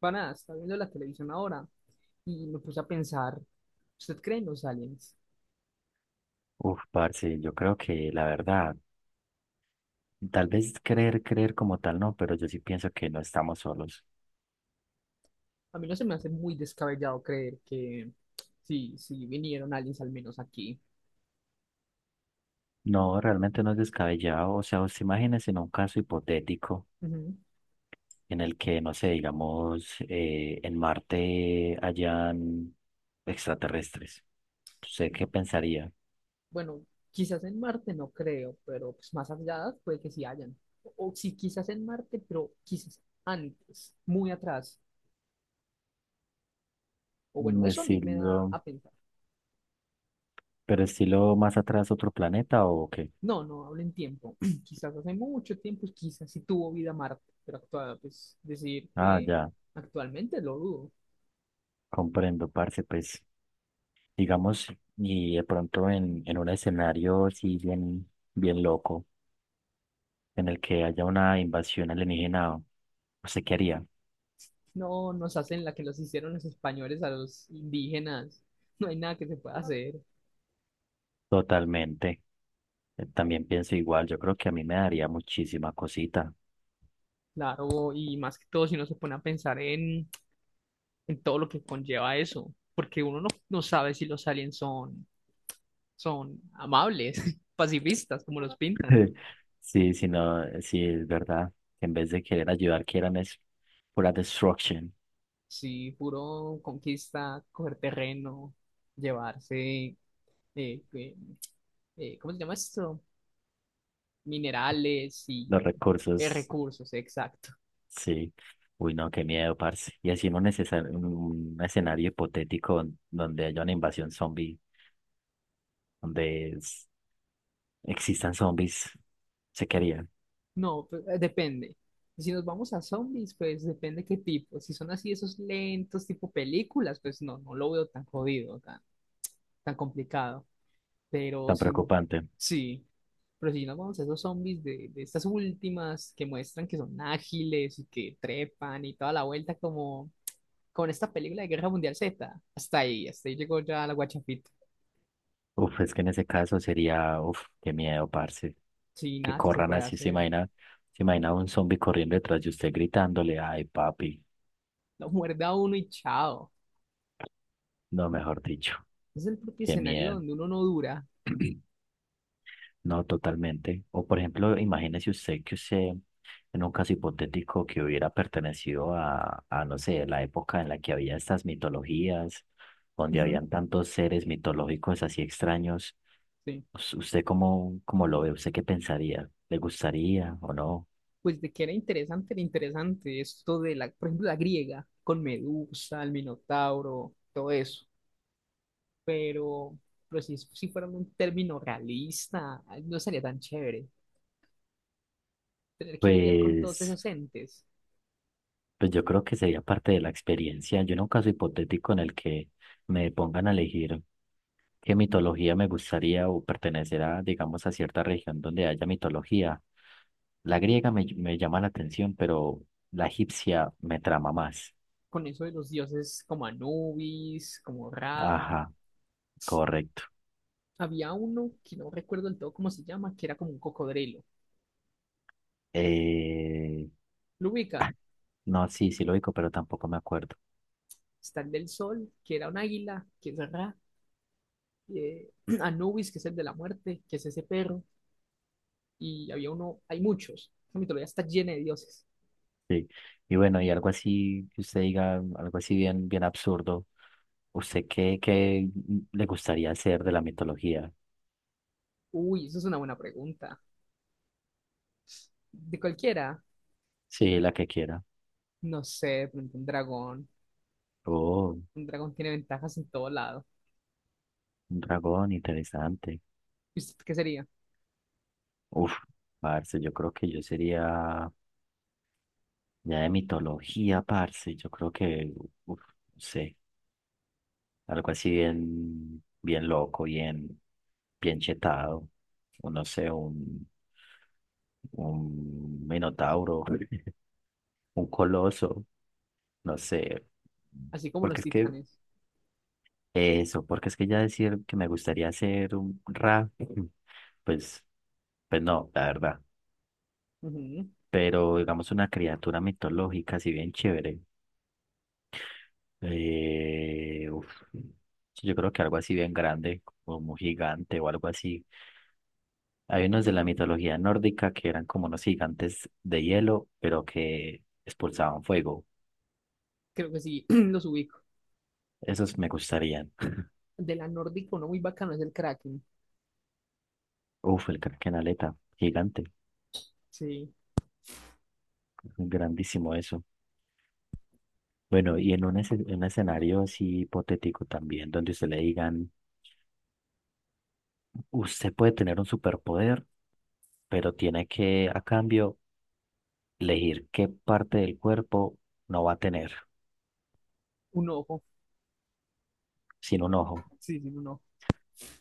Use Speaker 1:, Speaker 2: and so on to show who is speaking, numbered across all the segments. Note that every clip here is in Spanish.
Speaker 1: Para, estaba viendo la televisión ahora y me puse a pensar, ¿usted cree en los aliens?
Speaker 2: Uf, parce, yo creo que la verdad, tal vez creer, creer como tal no, pero yo sí pienso que no estamos solos.
Speaker 1: A mí no se me hace muy descabellado creer que sí, sí vinieron aliens al menos aquí.
Speaker 2: No, realmente no es descabellado. O sea, usted imagínese en un caso hipotético
Speaker 1: Ujú.
Speaker 2: en el que, no sé, digamos, en Marte hayan extraterrestres. ¿Usted qué pensaría?
Speaker 1: Bueno, quizás en Marte no creo, pero pues más allá puede que sí hayan. O, si sí, quizás en Marte, pero quizás antes, muy atrás. O
Speaker 2: Mm,
Speaker 1: bueno, eso a mí me da
Speaker 2: estilo,
Speaker 1: a pensar.
Speaker 2: ¿pero estilo más atrás otro planeta o qué?
Speaker 1: No, no hablo en tiempo. Quizás hace mucho tiempo, quizás sí tuvo vida Marte, pero actual, pues decir
Speaker 2: Ah,
Speaker 1: que
Speaker 2: ya,
Speaker 1: actualmente lo dudo.
Speaker 2: comprendo, parce, pues, digamos, y de pronto en un escenario así bien, bien loco, en el que haya una invasión alienígena, ¿usted qué haría?
Speaker 1: No, nos hacen la que los hicieron los españoles a los indígenas. No hay nada que se pueda hacer,
Speaker 2: Totalmente. También pienso igual, yo creo que a mí me daría muchísima cosita.
Speaker 1: claro, y más que todo si uno se pone a pensar en todo lo que conlleva eso, porque uno no, no sabe si los aliens son, son amables, pacifistas, como los pintan.
Speaker 2: Sí, sí, no, sí, es verdad. En vez de querer ayudar, quieran es pura destruction.
Speaker 1: Sí, puro conquista, coger terreno, llevarse, eh, eh, ¿cómo se llama esto? Minerales y
Speaker 2: Los recursos,
Speaker 1: recursos, exacto.
Speaker 2: sí. Uy, no, qué miedo, parce. Y así en un, en un escenario hipotético donde haya una invasión zombie, donde es- existan zombies, se quería.
Speaker 1: No, pues, depende. Si nos vamos a zombies, pues depende qué tipo. Si son así esos lentos, tipo películas, pues no, no lo veo tan jodido, tan complicado. Pero
Speaker 2: Tan
Speaker 1: si,
Speaker 2: preocupante.
Speaker 1: sí, pero si nos vamos a esos zombies de estas últimas que muestran que son ágiles y que trepan y toda la vuelta como con esta película de Guerra Mundial Z, hasta ahí llegó ya la guachafita.
Speaker 2: Uf, es que en ese caso sería, uf, qué miedo, parce,
Speaker 1: Sí,
Speaker 2: que
Speaker 1: nada que se
Speaker 2: corran
Speaker 1: pueda
Speaker 2: así,
Speaker 1: hacer.
Speaker 2: se imagina un zombie corriendo detrás de usted gritándole, ay, papi,
Speaker 1: Lo muerde a uno y chao.
Speaker 2: no, mejor dicho,
Speaker 1: Es el propio
Speaker 2: qué
Speaker 1: escenario
Speaker 2: miedo,
Speaker 1: donde uno no dura.
Speaker 2: no, totalmente. O por ejemplo, imagínese usted que usted, en un caso hipotético que hubiera pertenecido a, no sé, la época en la que había estas mitologías, donde
Speaker 1: Ujú,
Speaker 2: habían tantos seres mitológicos así extraños.
Speaker 1: sí.
Speaker 2: ¿Usted cómo, cómo lo ve? ¿Usted qué pensaría? ¿Le gustaría o no?
Speaker 1: Pues de que era interesante esto de la, por ejemplo, la griega, con Medusa, el Minotauro, todo eso. Pero, pero si, si fuera un término realista, no sería tan chévere tener que lidiar con todos
Speaker 2: Pues,
Speaker 1: esos entes,
Speaker 2: pues yo creo que sería parte de la experiencia. Yo en un caso hipotético en el que me pongan a elegir qué mitología me gustaría o pertenecerá, digamos, a cierta región donde haya mitología. La griega me, me llama la atención, pero la egipcia me trama más.
Speaker 1: con eso de los dioses como Anubis, como Ra.
Speaker 2: Ajá, correcto.
Speaker 1: Había uno que no recuerdo del todo cómo se llama, que era como un cocodrilo.
Speaker 2: Eh,
Speaker 1: Lo ubica,
Speaker 2: ah, no, sí, sí lo digo, pero tampoco me acuerdo.
Speaker 1: está el del sol, que era un águila, que es Ra, eh, Anubis, que es el de la muerte, que es ese perro y había uno, hay muchos. La mitología está llena de dioses.
Speaker 2: Sí. Y bueno, y algo así que usted diga, algo así bien, bien absurdo. ¿Usted qué, qué le gustaría hacer de la mitología?
Speaker 1: Uy, eso es una buena pregunta. De cualquiera,
Speaker 2: Sí, la que quiera.
Speaker 1: no sé, de pronto un dragón.
Speaker 2: Oh,
Speaker 1: Un dragón tiene ventajas en todo lado.
Speaker 2: un dragón, interesante.
Speaker 1: ¿Y usted qué sería?
Speaker 2: Uf, parce, yo creo que yo sería ya de mitología, parce. Yo creo que, uf, no sé, algo así bien, bien loco, bien, bien chetado. O no sé, un minotauro, un coloso, no sé.
Speaker 1: Así como
Speaker 2: Porque
Speaker 1: los
Speaker 2: es que
Speaker 1: titanes.
Speaker 2: eso, porque es que ya decir que me gustaría ser un rap, pues, pues no, la verdad.
Speaker 1: Ujú,
Speaker 2: Pero digamos una criatura mitológica así bien chévere. Uf, sí, yo creo que algo así bien grande, como un gigante o algo así. Hay unos de la mitología nórdica que eran como unos gigantes de hielo, pero que expulsaban fuego.
Speaker 1: creo que sí, los ubico.
Speaker 2: Esos me gustarían.
Speaker 1: De la nórdica, uno muy bacano es el Kraken.
Speaker 2: Uf, el Krakenaleta, gigante,
Speaker 1: Sí,
Speaker 2: grandísimo eso. Bueno, y en un, un escenario así hipotético también, donde usted le digan, usted puede tener un superpoder, pero tiene que, a cambio, elegir qué parte del cuerpo no va a tener
Speaker 1: un ojo.
Speaker 2: sin un ojo,
Speaker 1: Sí, sí, un ojo.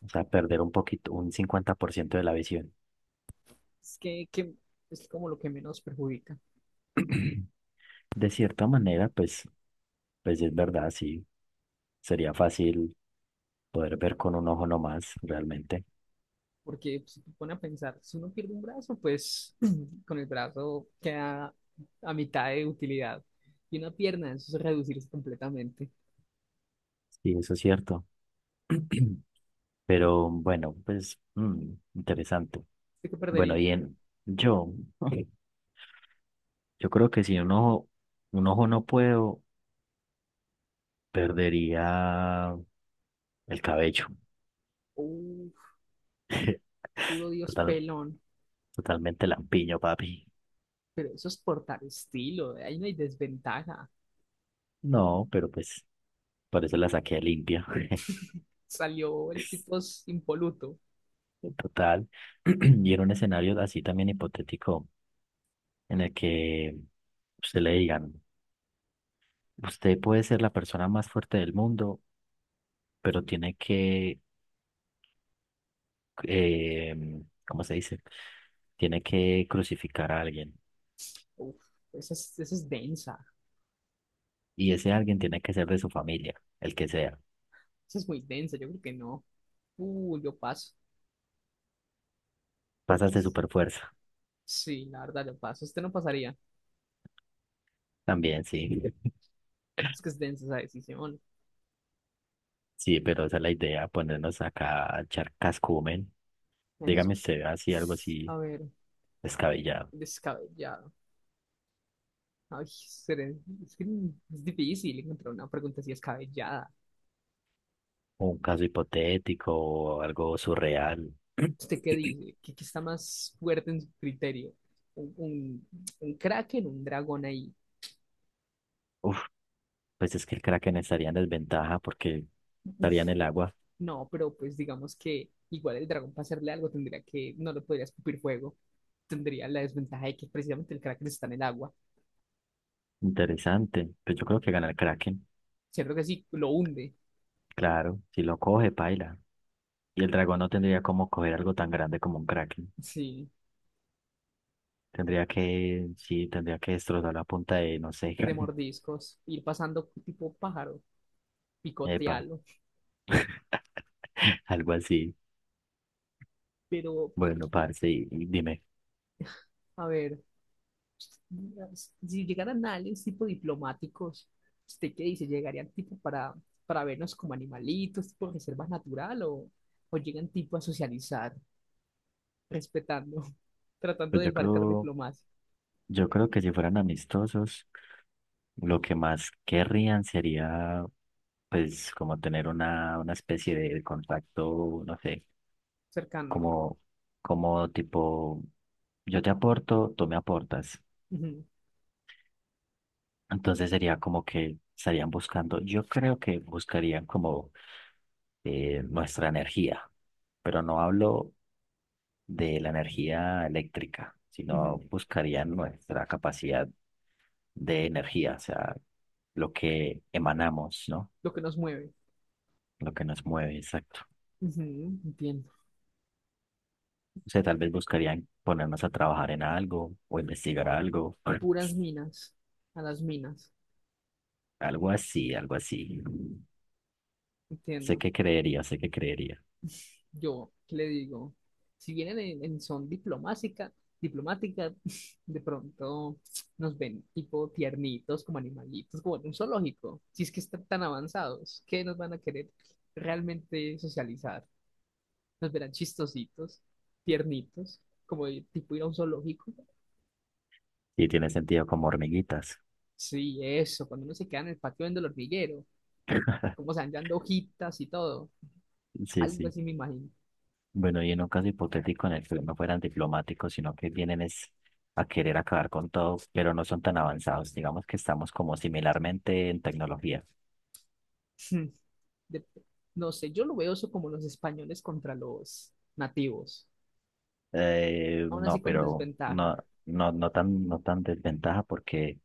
Speaker 2: o sea, perder un poquito, un 50% de la visión.
Speaker 1: Es que es como lo que menos perjudica.
Speaker 2: De cierta manera, pues, pues es verdad, sí, sería fácil poder ver con un ojo nomás, realmente.
Speaker 1: Porque si te pone a pensar, si uno pierde un brazo, pues con el brazo queda a mitad de utilidad. Y una pierna, eso es reducirse completamente.
Speaker 2: Sí, eso es cierto. Pero bueno, pues mm, interesante.
Speaker 1: ¿Usted qué
Speaker 2: Bueno,
Speaker 1: perdería?
Speaker 2: y en yo, yo creo que si un ojo, un ojo no puedo, perdería el cabello.
Speaker 1: Uf, puro Dios
Speaker 2: Total,
Speaker 1: pelón.
Speaker 2: totalmente lampiño, papi.
Speaker 1: Pero eso es portar estilo, ahí no hay desventaja.
Speaker 2: No, pero pues por eso la saqué limpia.
Speaker 1: Salió el tipo es impoluto.
Speaker 2: Total. Y era un escenario así también hipotético en el que usted le digan, usted puede ser la persona más fuerte del mundo, pero tiene que, eh, ¿cómo se dice? Tiene que crucificar a alguien.
Speaker 1: Uf, esa es densa.
Speaker 2: Y ese alguien tiene que ser de su familia, el que sea.
Speaker 1: Esa es muy densa, yo creo que no. Yo paso.
Speaker 2: Pasas
Speaker 1: Porque
Speaker 2: de super fuerza.
Speaker 1: sí, la verdad, yo paso. Usted no pasaría.
Speaker 2: También, sí.
Speaker 1: Es que es densa esa decisión.
Speaker 2: Sí, pero esa es la idea, ponernos acá a echar cascumen.
Speaker 1: Eso es-
Speaker 2: Dígame usted así, algo así
Speaker 1: A ver.
Speaker 2: descabellado.
Speaker 1: Descabellado. Ay, es que es difícil encontrar una pregunta así descabellada.
Speaker 2: Un caso hipotético o algo surreal.
Speaker 1: ¿Usted qué dice? ¿Qué está más fuerte en su criterio? ¿Un, un, un kraken, un dragón ahí?
Speaker 2: Uf, pues es que el Kraken estaría en desventaja porque estaría en el agua.
Speaker 1: No, pero pues digamos que igual el dragón para hacerle algo tendría que, no lo podría escupir fuego. Tendría la desventaja de que precisamente el kraken está en el agua.
Speaker 2: Interesante. Pues yo creo que gana el Kraken.
Speaker 1: Cierto que sí, lo hunde.
Speaker 2: Claro, si lo coge, paila. Y el dragón no tendría como coger algo tan grande como un Kraken.
Speaker 1: Sí,
Speaker 2: Tendría que, sí, tendría que destrozar la punta de, no sé,
Speaker 1: de mordiscos, ir pasando tipo pájaro,
Speaker 2: epa,
Speaker 1: picotearlo.
Speaker 2: algo así.
Speaker 1: Pero,
Speaker 2: Bueno, parce, y dime.
Speaker 1: a ver, si llegaran a aliens tipo diplomáticos, ¿usted qué dice? ¿Llegarían tipo para vernos como animalitos, tipo reserva natural o llegan tipo a socializar, respetando, tratando
Speaker 2: Pues
Speaker 1: de embarcar diplomacia
Speaker 2: yo creo que si fueran amistosos. Lo que más querrían sería, pues, como tener una especie de contacto, no sé,
Speaker 1: cercano?
Speaker 2: como, como tipo, yo te aporto, tú me aportas.
Speaker 1: Ujú,
Speaker 2: Entonces sería como que estarían buscando, yo creo que buscarían como nuestra energía, pero no hablo de la energía eléctrica, sino
Speaker 1: ujú,
Speaker 2: buscarían nuestra capacidad de energía, o sea, lo que emanamos, ¿no?
Speaker 1: lo que nos mueve.
Speaker 2: Lo que nos mueve, exacto.
Speaker 1: Ujú, entiendo.
Speaker 2: O sea, tal vez buscarían ponernos a trabajar en algo o investigar algo.
Speaker 1: Puras minas, a las minas,
Speaker 2: Algo así, algo así. Sé
Speaker 1: entiendo.
Speaker 2: que creería, sé que creería.
Speaker 1: Yo, ¿qué le digo? Si vienen en son diplomática, diplomática, de pronto nos ven tipo tiernitos, como animalitos, como en un zoológico. Si es que están tan avanzados, ¿qué nos van a querer realmente socializar? Nos verán chistositos, tiernitos, como de tipo ir a un zoológico.
Speaker 2: Y tiene sentido como hormiguitas.
Speaker 1: Sí, eso, cuando uno se queda en el patio viendo el hormiguero, como se van dando hojitas y todo.
Speaker 2: Sí,
Speaker 1: Algo
Speaker 2: sí.
Speaker 1: así me imagino.
Speaker 2: Bueno, y en un caso hipotético en el que no fueran diplomáticos, sino que vienen es a querer acabar con todo, pero no son tan avanzados. Digamos que estamos como similarmente en tecnología.
Speaker 1: de- no sé, yo lo veo eso como los españoles contra los nativos, aún así
Speaker 2: No,
Speaker 1: con
Speaker 2: pero
Speaker 1: desventaja.
Speaker 2: no, no, no tan, no tan desventaja porque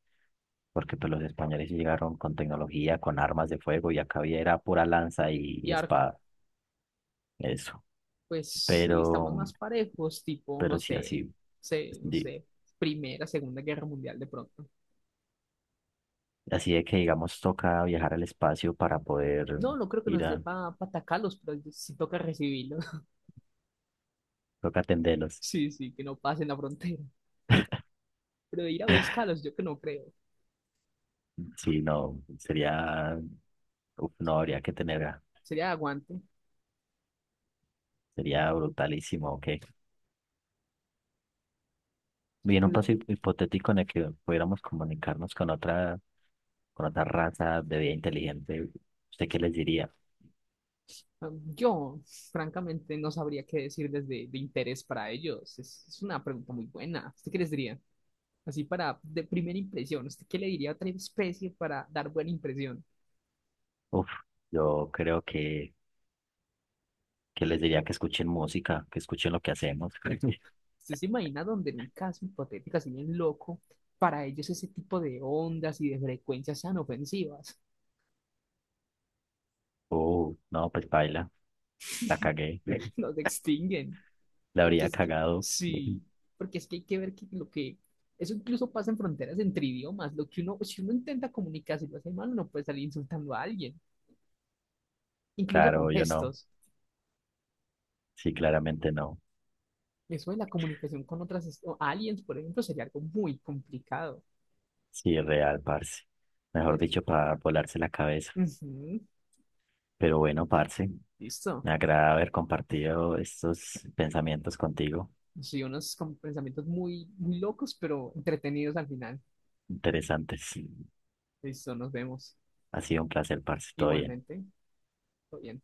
Speaker 2: porque pues los españoles sí llegaron con tecnología, con armas de fuego y acá había era pura lanza y
Speaker 1: Y arco,
Speaker 2: espada, eso.
Speaker 1: pues si estamos
Speaker 2: Pero,
Speaker 1: más parejos, tipo, no
Speaker 2: pero sí,
Speaker 1: sé,
Speaker 2: así,
Speaker 1: sé, no
Speaker 2: di-
Speaker 1: sé, Primera, Segunda Guerra Mundial de pronto.
Speaker 2: así de que digamos toca viajar al espacio para poder
Speaker 1: No, no creo que
Speaker 2: ir
Speaker 1: nos dé
Speaker 2: a,
Speaker 1: para atacarlos, pero sí toca recibirlos.
Speaker 2: toca atenderlos.
Speaker 1: Sí, sí, que no pasen la frontera. Pero ir a buscarlos, yo que no creo.
Speaker 2: Sí, no, sería, uf, no habría que tener,
Speaker 1: Sería aguante.
Speaker 2: sería brutalísimo, ok. Bien, un
Speaker 1: La-
Speaker 2: paso hipotético en el que pudiéramos comunicarnos con otra raza de vida inteligente, ¿usted qué les diría?
Speaker 1: yo, francamente, no sabría qué decir desde de interés para ellos. Es una pregunta muy buena. ¿Usted qué les diría? Así para, de primera impresión, ¿usted qué le diría a otra especie para dar buena impresión?
Speaker 2: Uf, yo creo que les diría que escuchen música, que escuchen lo que hacemos.
Speaker 1: ¿Usted se imagina donde en un caso hipotético así bien loco, para ellos ese tipo de ondas y de frecuencias sean ofensivas?
Speaker 2: Oh, no, pues baila, la cagué,
Speaker 1: Nos extinguen.
Speaker 2: la
Speaker 1: Porque
Speaker 2: habría
Speaker 1: es que,
Speaker 2: cagado.
Speaker 1: sí, porque es que hay que ver que lo que, eso incluso pasa en fronteras entre idiomas, lo que uno, si uno intenta comunicarse y lo hace mal, uno puede salir insultando a alguien, incluso con
Speaker 2: Claro, yo no.
Speaker 1: gestos.
Speaker 2: Sí, claramente no.
Speaker 1: Eso de la comunicación con otras o aliens, por ejemplo, sería algo muy complicado.
Speaker 2: Sí, real, parce. Mejor
Speaker 1: Pues,
Speaker 2: dicho, para volarse la cabeza.
Speaker 1: ujú.
Speaker 2: Pero bueno, parce,
Speaker 1: Listo.
Speaker 2: me agrada haber compartido estos pensamientos contigo.
Speaker 1: Sí, unos como pensamientos muy, muy locos, pero entretenidos al final.
Speaker 2: Interesantes.
Speaker 1: Listo, nos vemos.
Speaker 2: Ha sido un placer, parce. Todo bien.
Speaker 1: Igualmente. Todo bien.